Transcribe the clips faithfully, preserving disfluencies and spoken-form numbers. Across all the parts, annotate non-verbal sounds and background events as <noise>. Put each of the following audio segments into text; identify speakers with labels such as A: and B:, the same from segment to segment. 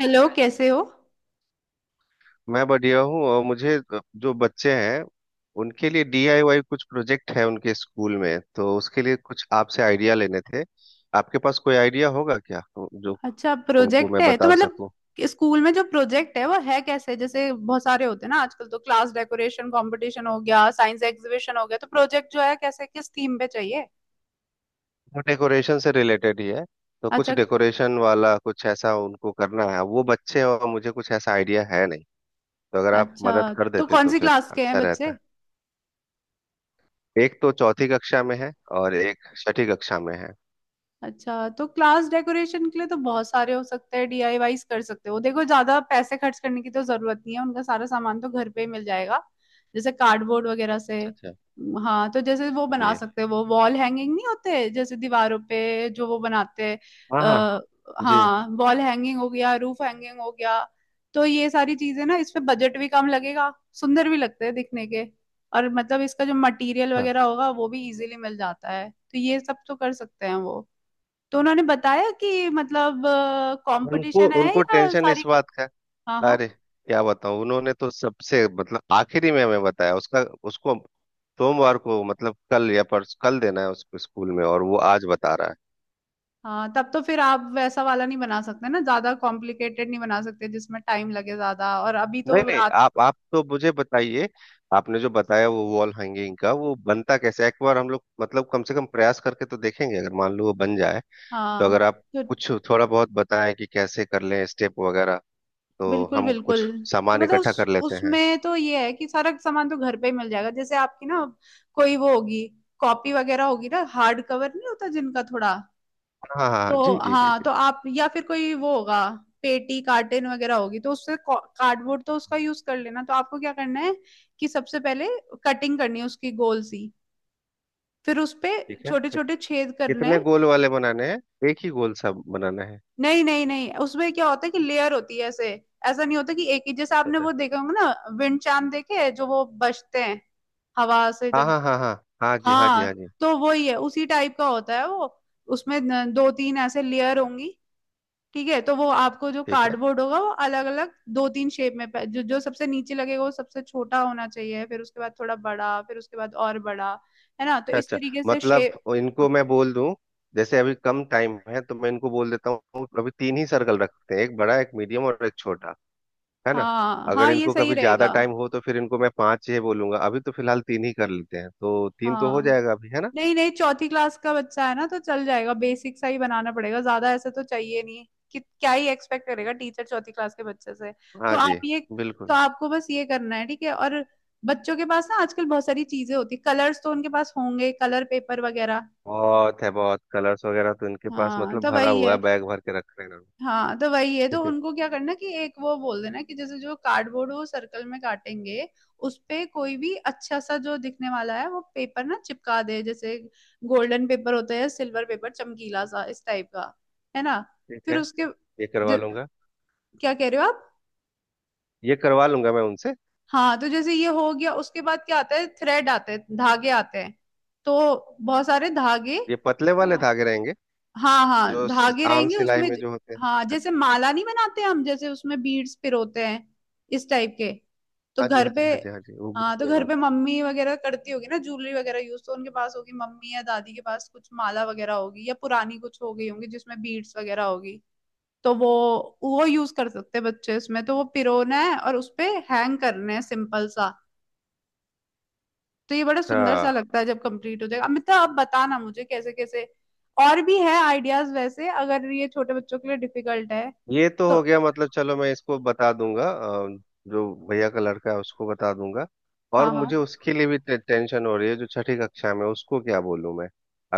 A: Hello, कैसे हो।
B: मैं बढ़िया हूँ और मुझे जो बच्चे हैं उनके लिए डी आई वाई कुछ प्रोजेक्ट है उनके स्कूल में, तो उसके लिए कुछ आपसे आइडिया लेने थे। आपके पास कोई आइडिया होगा क्या जो
A: अच्छा,
B: उनको
A: प्रोजेक्ट
B: मैं
A: है तो
B: बता
A: मतलब
B: सकूँ?
A: स्कूल में जो प्रोजेक्ट है वो है कैसे, जैसे बहुत सारे होते हैं ना आजकल, तो क्लास डेकोरेशन कंपटीशन हो गया, साइंस एग्जीबिशन हो गया, तो प्रोजेक्ट जो है कैसे, किस थीम पे चाहिए।
B: वो डेकोरेशन से रिलेटेड ही है, तो कुछ
A: अच्छा,
B: डेकोरेशन वाला कुछ ऐसा उनको करना है। वो बच्चे हैं और मुझे कुछ ऐसा आइडिया है नहीं, तो अगर आप
A: अच्छा
B: मदद कर
A: तो
B: देते
A: कौन
B: तो
A: सी
B: फिर
A: क्लास के हैं
B: अच्छा
A: बच्चे।
B: रहता। एक तो चौथी कक्षा में है और एक छठी कक्षा में है।
A: अच्छा, तो क्लास डेकोरेशन के लिए तो बहुत सारे हो सकते हैं, डीआईवाईज कर सकते हो। देखो ज्यादा पैसे खर्च करने की तो जरूरत नहीं है, उनका सारा सामान तो घर पे ही मिल जाएगा, जैसे कार्डबोर्ड वगैरह से।
B: अच्छा
A: हाँ, तो जैसे वो बना
B: जी।
A: सकते हैं वो वॉल हैंगिंग नहीं होते, जैसे दीवारों पे जो वो बनाते हैं।
B: हाँ हाँ
A: अ,
B: जी।
A: हाँ, वॉल हैंगिंग हो गया, रूफ हैंगिंग हो गया, तो ये सारी चीजें ना इस पे बजट भी कम लगेगा, सुंदर भी लगते हैं दिखने के, और मतलब इसका जो मटेरियल वगैरह होगा वो भी इजीली मिल जाता है, तो ये सब तो कर सकते हैं वो। तो उन्होंने बताया कि मतलब
B: उनको
A: कंपटीशन है
B: उनको
A: या
B: टेंशन
A: सारी
B: इस
A: क्ल-
B: बात का।
A: हाँ हाँ।
B: अरे क्या बताऊं, उन्होंने तो सबसे मतलब आखिरी में हमें बताया उसका। उसको सोमवार को मतलब कल या परस कल देना है उसको स्कूल में, और वो आज बता रहा है।
A: हाँ, तब तो फिर आप वैसा वाला नहीं बना सकते ना, ज्यादा कॉम्प्लिकेटेड नहीं बना सकते जिसमें टाइम लगे ज्यादा, और अभी तो
B: नहीं नहीं,
A: रात।
B: आप आप तो मुझे बताइए, आपने जो बताया वो वॉल हैंगिंग का वो बनता कैसे है? एक बार हम लोग मतलब कम से कम प्रयास करके तो देखेंगे, अगर मान लो वो बन जाए। तो
A: हाँ,
B: अगर आप
A: तो
B: कुछ थोड़ा बहुत बताएं कि कैसे कर लें, स्टेप वगैरह, तो
A: बिल्कुल
B: हम
A: बिल्कुल।
B: कुछ
A: तो
B: सामान
A: मतलब
B: इकट्ठा कर
A: उस
B: लेते हैं।
A: उसमें तो ये है कि सारा सामान तो घर पे ही मिल जाएगा। जैसे आपकी ना कोई वो होगी, कॉपी वगैरह होगी ना हार्ड कवर नहीं होता जिनका, थोड़ा
B: हाँ हाँ
A: तो
B: हाँ, जी जी जी
A: हाँ,
B: जी।
A: तो आप या फिर कोई वो होगा, पेटी कार्टन वगैरह होगी, तो उससे कार्डबोर्ड तो उसका यूज कर लेना। तो आपको क्या करना है कि सबसे पहले कटिंग करनी है उसकी गोल सी, फिर उसपे
B: ठीक है।
A: छोटे छोटे छेद करने
B: कितने
A: हैं।
B: गोल वाले बनाने हैं, एक ही गोल सा बनाना है?
A: नहीं नहीं नहीं, उसमें क्या होता है कि लेयर होती है ऐसे। ऐसा नहीं होता कि एक ही, जैसे
B: अच्छा
A: आपने
B: अच्छा।
A: वो देखे होंगे ना विंड चाइम देखे हैं, जो वो बजते हैं हवा से
B: हाँ
A: जब।
B: हाँ हाँ हाँ। हाँ जी हाँ जी हाँ
A: हाँ,
B: जी।
A: तो वही है, उसी टाइप का होता है वो। उसमें न- दो तीन ऐसे लेयर होंगी। ठीक है, तो वो आपको जो
B: ठीक है।
A: कार्डबोर्ड होगा वो अलग अलग दो तीन शेप में पै- जो जो सबसे नीचे लगेगा वो सबसे छोटा होना चाहिए, फिर उसके बाद थोड़ा बड़ा, फिर उसके बाद और बड़ा, है ना, तो
B: अच्छा
A: इस
B: अच्छा।
A: तरीके से
B: मतलब
A: शेप।
B: इनको मैं बोल दूं, जैसे अभी कम टाइम है तो मैं इनको बोल देता हूँ अभी तीन ही सर्कल रखते हैं, एक बड़ा एक मीडियम और एक छोटा, है ना।
A: हाँ
B: अगर
A: हाँ, ये
B: इनको
A: सही
B: कभी ज्यादा
A: रहेगा।
B: टाइम हो तो फिर इनको मैं पांच ही बोलूंगा, अभी तो फिलहाल तीन ही कर लेते हैं, तो तीन तो हो
A: हाँ,
B: जाएगा अभी, है ना।
A: नहीं नहीं, चौथी क्लास का बच्चा है ना तो चल जाएगा, बेसिक सा ही बनाना पड़ेगा, ज्यादा ऐसे तो चाहिए नहीं, कि क्या ही एक्सपेक्ट करेगा टीचर चौथी क्लास के बच्चे से। तो
B: हाँ जी।
A: आप ये, तो
B: बिल्कुल।
A: आपको बस ये करना है ठीक है। और बच्चों के पास ना आजकल बहुत सारी चीजें होती है, कलर्स तो उनके पास होंगे, कलर पेपर वगैरह।
B: बहुत है, बहुत कलर्स वगैरह तो इनके पास
A: हाँ
B: मतलब
A: तो
B: भरा
A: वही
B: हुआ
A: है
B: है, बैग भर के रख रहे हैं
A: हाँ तो वही है तो
B: इन्होंने।
A: उनको क्या करना कि एक वो बोल देना कि जैसे जो कार्डबोर्ड वो सर्कल में काटेंगे, उस पे कोई भी अच्छा सा जो दिखने वाला है वो पेपर ना चिपका दे, जैसे गोल्डन पेपर होता है, सिल्वर पेपर चमकीला सा, इस टाइप का, है ना।
B: <laughs> ठीक
A: फिर
B: है,
A: उसके
B: ये करवा
A: ज-
B: लूंगा।
A: क्या कह रहे हो आप।
B: ये करवा लूंगा मैं उनसे।
A: हाँ, तो जैसे ये हो गया, उसके बाद क्या आता है, थ्रेड आते हैं, धागे आते हैं, तो बहुत सारे धागे।
B: ये पतले वाले हाँ धागे रहेंगे,
A: हाँ हाँ,
B: जो स-
A: धागे
B: आम
A: रहेंगे
B: सिलाई
A: उसमें।
B: में जो होते हैं।
A: हाँ, जैसे
B: अच्छा।
A: माला नहीं बनाते हम, जैसे उसमें बीड्स पिरोते हैं, इस टाइप के। तो
B: हाँ जी
A: घर
B: हाँ
A: पे,
B: जी हाँ जी हाँ जी, वो
A: हाँ तो
B: घूमने
A: घर पे
B: वाला।
A: मम्मी वगैरह करती होगी ना ज्वेलरी वगैरह यूज, तो उनके पास होगी मम्मी या दादी के पास कुछ माला वगैरह होगी, या पुरानी कुछ हो गई होंगी जिसमें बीड्स वगैरह होगी, तो वो वो यूज कर सकते हैं बच्चे इसमें, तो वो पिरोना है और उसपे हैंग करने हैं, सिंपल सा। तो ये बड़ा सुंदर सा
B: अच्छा,
A: लगता है जब कंप्लीट हो जाएगा। अमिता, अब बताना मुझे कैसे कैसे और भी है आइडियाज, वैसे अगर ये छोटे बच्चों के लिए डिफिकल्ट है
B: ये तो
A: तो।
B: हो गया, मतलब चलो मैं इसको बता दूंगा। अ, जो भैया का लड़का है उसको बता दूंगा। और
A: हाँ
B: मुझे
A: हाँ
B: उसके लिए भी टे, टेंशन हो रही है, जो छठी कक्षा में है, उसको क्या बोलूं मैं?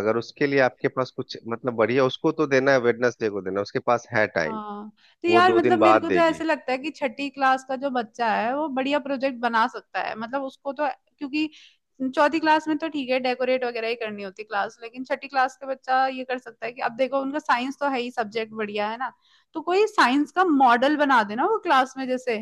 B: अगर उसके लिए आपके पास कुछ मतलब बढ़िया, उसको तो देना है वेडनेसडे को देना है, उसके पास है टाइम।
A: हाँ तो
B: वो
A: यार
B: दो
A: मतलब
B: दिन
A: मेरे
B: बाद
A: को तो
B: देगी।
A: ऐसे लगता है कि छठी क्लास का जो बच्चा है वो बढ़िया प्रोजेक्ट बना सकता है, मतलब उसको तो, क्योंकि चौथी क्लास में तो ठीक है डेकोरेट वगैरह ही करनी होती क्लास, लेकिन छठी क्लास का बच्चा ये कर सकता है कि अब देखो उनका साइंस तो है ही सब्जेक्ट बढ़िया, है ना। तो कोई साइंस का मॉडल बना देना वो क्लास में, जैसे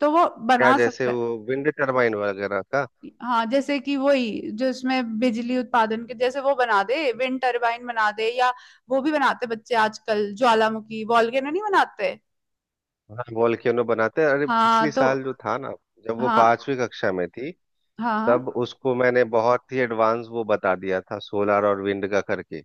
A: तो वो
B: क्या
A: बना
B: जैसे
A: सकता है।
B: वो विंड टर्बाइन वगैरह का?
A: हाँ, जैसे कि वही जो इसमें बिजली उत्पादन के, जैसे वो बना दे विंड टरबाइन बना दे, या वो भी बनाते बच्चे आजकल, ज्वालामुखी वोल्केनो नहीं बनाते।
B: हाँ वॉल्केनो बनाते हैं। अरे
A: हाँ,
B: पिछली
A: तो
B: साल जो था ना, जब वो
A: हाँ
B: पांचवी कक्षा में थी,
A: हाँ
B: तब
A: हाँ।
B: उसको मैंने बहुत ही एडवांस वो बता दिया था, सोलार और विंड का करके।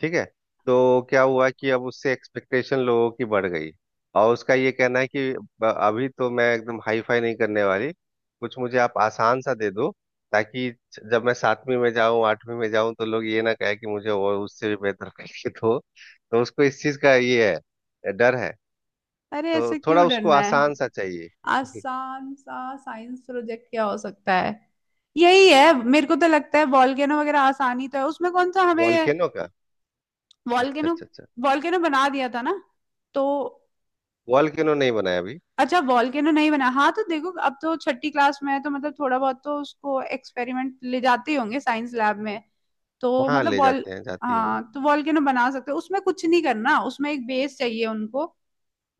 B: ठीक है। तो क्या हुआ कि अब उससे एक्सपेक्टेशन लोगों की बढ़ गई, और उसका ये कहना है कि ब- अभी तो मैं एकदम हाई फाई नहीं करने वाली, कुछ मुझे आप आसान सा दे दो, ताकि जब मैं सातवीं में जाऊं आठवीं में जाऊं तो लोग ये ना कहे कि मुझे और उससे भी बेहतर करके दो। तो उसको इस चीज का ये है डर है।
A: अरे
B: तो
A: ऐसे
B: थोड़ा
A: क्यों
B: उसको
A: डरना है।
B: आसान सा चाहिए।
A: आसान सा साइंस प्रोजेक्ट क्या हो सकता है, यही है मेरे को तो लगता है वॉल्केनो वगैरह, आसानी तो है उसमें, कौन सा
B: <laughs>
A: हमें।
B: वॉल्केनो का? अच्छा
A: वॉल्केनो,
B: अच्छा अच्छा।
A: वॉल्केनो बना दिया था ना तो।
B: वॉल्केनो नहीं बनाया अभी।
A: अच्छा, वॉल्केनो नहीं बना। हाँ, तो देखो अब तो छठी क्लास में है तो मतलब थोड़ा बहुत तो उसको एक्सपेरिमेंट ले जाते ही होंगे साइंस लैब में, तो
B: वहां
A: मतलब
B: ले
A: वॉल
B: जाते हैं, जाती हो।
A: हाँ, तो वॉल्केनो बना सकते हो, उसमें कुछ नहीं करना, उसमें एक बेस चाहिए उनको,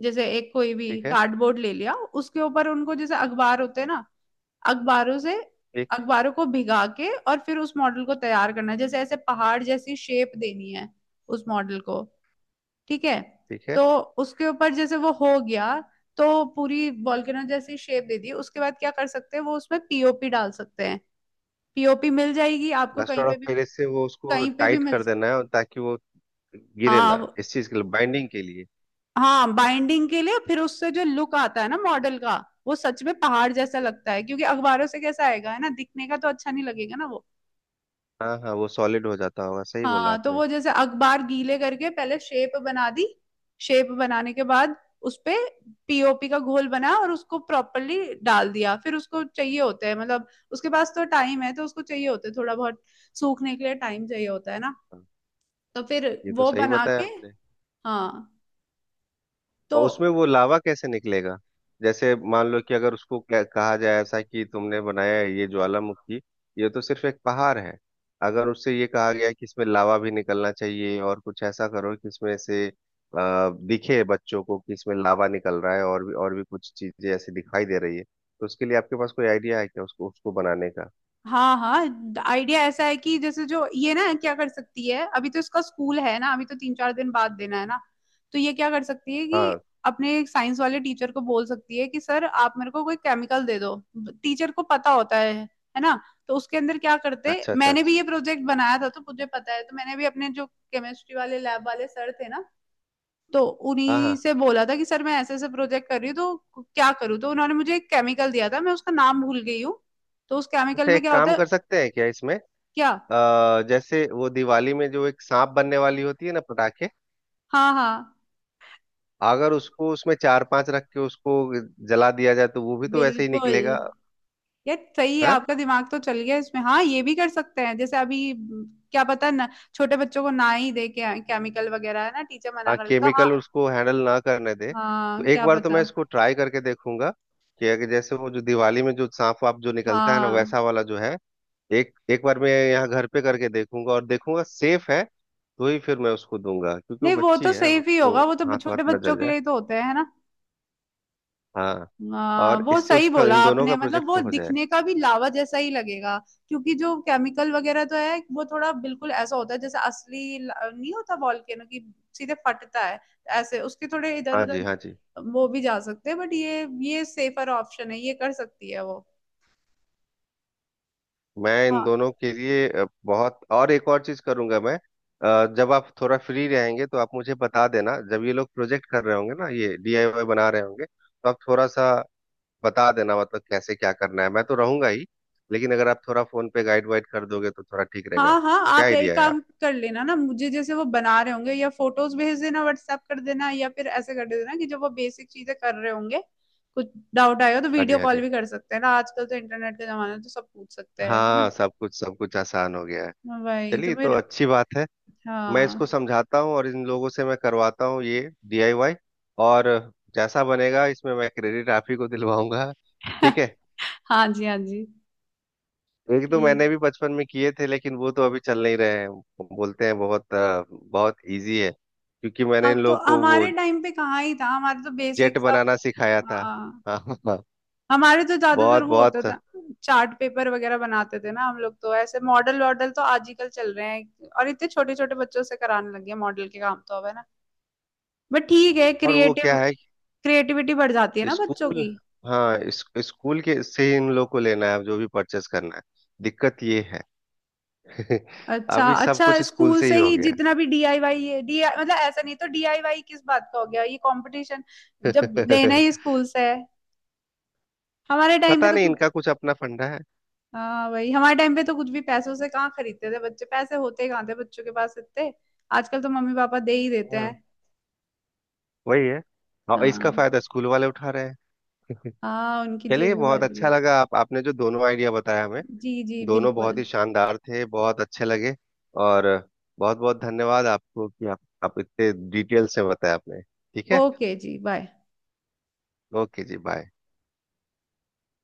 A: जैसे एक कोई भी
B: ठीक है।
A: कार्डबोर्ड ले लिया, उसके ऊपर उनको जैसे अखबार होते हैं ना, अखबारों से,
B: ठीक।
A: अखबारों को भिगा के और फिर उस मॉडल को तैयार करना है। जैसे ऐसे पहाड़ जैसी शेप देनी है उस मॉडल को, ठीक है।
B: ठीक है।
A: तो उसके ऊपर जैसे वो हो गया, तो पूरी वॉल्केनो जैसी शेप दे दी, उसके बाद क्या कर सकते हैं वो उसमें पीओपी डाल सकते हैं। पीओपी मिल जाएगी आपको कहीं
B: प्लास्टर
A: पे
B: ऑफ
A: भी,
B: पेरिस से वो उसको
A: कहीं पे भी
B: टाइट
A: मिल।
B: कर देना है और, ताकि वो गिरे
A: हाँ
B: ना,
A: वो-
B: इस चीज के लिए बाइंडिंग के लिए।
A: हाँ बाइंडिंग के लिए। फिर उससे जो लुक आता है ना मॉडल का, वो सच में पहाड़ जैसा लगता है, क्योंकि अखबारों से कैसा आएगा, है ना, दिखने का तो अच्छा नहीं लगेगा ना वो।
B: हाँ हाँ, वो सॉलिड हो जाता होगा, सही बोला
A: हाँ, तो
B: आपने।
A: वो जैसे अखबार गीले करके पहले शेप बना दी, शेप बनाने के बाद उसपे पीओपी का घोल बना और उसको प्रॉपरली डाल दिया, फिर उसको चाहिए होते हैं मतलब, उसके पास तो टाइम है तो उसको चाहिए होते हैं थोड़ा बहुत, सूखने के लिए टाइम चाहिए होता है ना,
B: हाँ,
A: तो फिर
B: ये तो
A: वो
B: सही
A: बना
B: बताया
A: के
B: आपने।
A: हाँ तो।
B: और उसमें वो लावा कैसे निकलेगा? जैसे मान लो कि अगर उसको कह- कहा जाए ऐसा कि तुमने बनाया है ये ज्वालामुखी, ये तो सिर्फ एक पहाड़ है। अगर उससे ये कहा गया कि इसमें लावा भी निकलना चाहिए, और कुछ ऐसा करो कि इसमें से आ, दिखे बच्चों को कि इसमें लावा निकल रहा है और भी और भी कुछ चीजें ऐसी दिखाई दे रही है, तो उसके लिए आपके पास कोई आइडिया है क्या उसको उसको बनाने का?
A: हाँ हाँ, आइडिया ऐसा है कि जैसे जो ये ना क्या कर सकती है, अभी तो इसका स्कूल है ना, अभी तो तीन चार दिन बाद देना है ना, तो ये क्या कर सकती है कि
B: हाँ।
A: अपने साइंस वाले टीचर को बोल सकती है कि सर आप मेरे को कोई केमिकल दे दो, टीचर को पता होता है है ना। तो उसके अंदर क्या करते,
B: अच्छा अच्छा
A: मैंने भी ये
B: अच्छा।
A: प्रोजेक्ट बनाया था तो मुझे पता है, तो मैंने भी अपने जो केमिस्ट्री वाले लैब वाले सर थे ना, तो
B: हाँ
A: उन्हीं
B: हाँ।
A: से बोला था कि सर मैं ऐसे ऐसे प्रोजेक्ट कर रही हूँ तो क्या करूँ, तो उन्होंने मुझे एक केमिकल दिया था, मैं उसका नाम भूल गई हूँ। तो उस केमिकल
B: अच्छा,
A: में
B: एक
A: क्या होता
B: काम
A: है।
B: कर सकते हैं क्या इसमें?
A: क्या,
B: अ, जैसे वो दिवाली में जो एक सांप बनने वाली होती है ना पटाखे,
A: हाँ हाँ
B: अगर उसको उसमें चार पांच रख के उसको जला दिया जाए, तो वो भी तो वैसे ही
A: बिल्कुल,
B: निकलेगा।
A: यार सही है
B: है।
A: आपका दिमाग तो चल गया इसमें। हाँ ये भी कर सकते हैं, जैसे अभी म, क्या पता ना, छोटे बच्चों को ना ही दे के केमिकल वगैरह, है ना, टीचर मना
B: हाँ,
A: कर देता। हाँ,
B: केमिकल उसको हैंडल ना करने दे, तो
A: हाँ
B: एक
A: क्या
B: बार तो
A: पता।
B: मैं इसको ट्राई करके देखूंगा कि अगर जैसे वो जो दिवाली में जो सांप वाप जो निकलता है ना,
A: हाँ,
B: वैसा वाला जो है। एक एक बार मैं यहाँ घर पे करके देखूंगा और देखूंगा सेफ है, तो ही फिर मैं उसको दूंगा, क्योंकि वो
A: नहीं वो
B: बच्ची
A: तो
B: है,
A: सेफ ही
B: उसको
A: होगा, वो तो
B: हाथ वाथ
A: छोटे
B: न
A: बच्चों
B: जल
A: के
B: जाए।
A: लिए ही तो होते हैं है ना।
B: हाँ।
A: हाँ,
B: और
A: वो
B: इससे
A: सही
B: उसका
A: बोला
B: इन दोनों
A: आपने,
B: का
A: मतलब
B: प्रोजेक्ट
A: वो
B: हो जाएगा।
A: दिखने का भी लावा जैसा ही लगेगा, क्योंकि जो केमिकल वगैरह तो है वो थोड़ा बिल्कुल ऐसा होता है जैसे असली ल- नहीं होता वॉल्केनो की, सीधे फटता है, ऐसे उसके थोड़े इधर
B: हाँ जी
A: उधर
B: हाँ जी।
A: वो भी जा सकते हैं, बट ये ये सेफर ऑप्शन है, ये कर सकती है वो।
B: मैं इन दोनों के लिए अ, बहुत और एक और चीज करूंगा मैं। अ, जब आप थोड़ा फ्री रहेंगे तो आप मुझे बता देना, जब ये लोग प्रोजेक्ट कर रहे होंगे ना, ये डी आई वाई बना रहे होंगे, तो आप थोड़ा सा बता देना, मतलब कैसे क्या करना है। मैं तो रहूंगा ही, लेकिन अगर आप थोड़ा फोन पे गाइड वाइड कर दोगे तो थोड़ा ठीक रहेगा,
A: हाँ हाँ,
B: क्या
A: आप एक
B: आइडिया है आप?
A: काम कर लेना ना, मुझे जैसे वो बना रहे होंगे या फोटोज भेज देना, व्हाट्सएप कर देना, या फिर ऐसे कर देना कि जब वो बेसिक चीजें कर रहे होंगे, कुछ डाउट आएगा तो
B: हाँ जी
A: वीडियो
B: हाँ
A: कॉल
B: जी।
A: भी कर सकते हैं ना, आजकल तो इंटरनेट का जमाना है तो सब पूछ सकते हैं तुम्हें,
B: हाँ, सब कुछ सब कुछ आसान हो गया है।
A: भाई
B: चलिए
A: तुम्हें।
B: तो अच्छी बात है। मैं इसको
A: हाँ
B: समझाता हूँ और इन लोगों से मैं करवाता हूँ ये डी आई वाई। और जैसा बनेगा, इसमें मैं क्रेडिट आप ही को दिलवाऊंगा। ठीक
A: <laughs>
B: है।
A: हाँ जी हाँ जी।
B: एक तो मैंने
A: ठीक,
B: भी बचपन में किए थे, लेकिन वो तो अभी चल नहीं रहे हैं। बोलते हैं बहुत अ, बहुत इजी है, क्योंकि मैंने
A: हाँ
B: इन
A: तो
B: लोग को वो
A: हमारे टाइम पे कहाँ ही था, हमारे तो
B: जेट
A: बेसिक सब।
B: बनाना सिखाया था।
A: हाँ,
B: <laughs> हाँ।
A: हमारे तो ज्यादातर
B: बहुत
A: वो होता
B: बहुत।
A: था चार्ट पेपर वगैरह बनाते थे ना हम लोग, तो ऐसे मॉडल वॉडल तो आजकल चल रहे हैं, और इतने छोटे छोटे बच्चों से कराने लगे हैं मॉडल के काम तो अब, है ना। बट ठीक है,
B: और वो
A: क्रिएटिव,
B: क्या है,
A: क्रिएटिविटी बढ़ जाती है ना बच्चों
B: स्कूल,
A: की।
B: हाँ इस, स्कूल के से ही इन लोग को लेना है जो भी परचेस करना है, दिक्कत ये है। <laughs>
A: अच्छा
B: अभी सब
A: अच्छा,
B: कुछ स्कूल
A: स्कूल
B: से ही
A: से
B: हो
A: ही
B: गया है।
A: जितना भी डीआईवाई है डी, मतलब ऐसा नहीं तो डीआईवाई किस बात का हो गया ये कंपटीशन, जब लेना ही
B: <laughs>
A: स्कूल से है। हमारे टाइम पे
B: पता
A: तो
B: नहीं
A: कुछ,
B: इनका कुछ अपना फंडा है।
A: हाँ भाई हमारे टाइम पे तो कुछ भी पैसों से कहाँ खरीदते थे बच्चे, पैसे होते कहाँ थे बच्चों के पास इतने, आजकल तो मम्मी पापा दे ही देते
B: हाँ
A: हैं।
B: वही है, और इसका
A: हाँ,
B: फायदा स्कूल वाले उठा रहे हैं।
A: हाँ उनकी
B: चलिए
A: जेबें भर
B: बहुत
A: रही
B: अच्छा
A: है।
B: लगा, आप आपने जो दोनों आइडिया बताया हमें,
A: जी जी
B: दोनों
A: बिल्कुल।
B: बहुत ही शानदार थे, बहुत अच्छे लगे। और बहुत बहुत धन्यवाद आपको कि आप आप इतने डिटेल से बताया आपने। ठीक है।
A: ओके जी, बाय।
B: ओके जी बाय।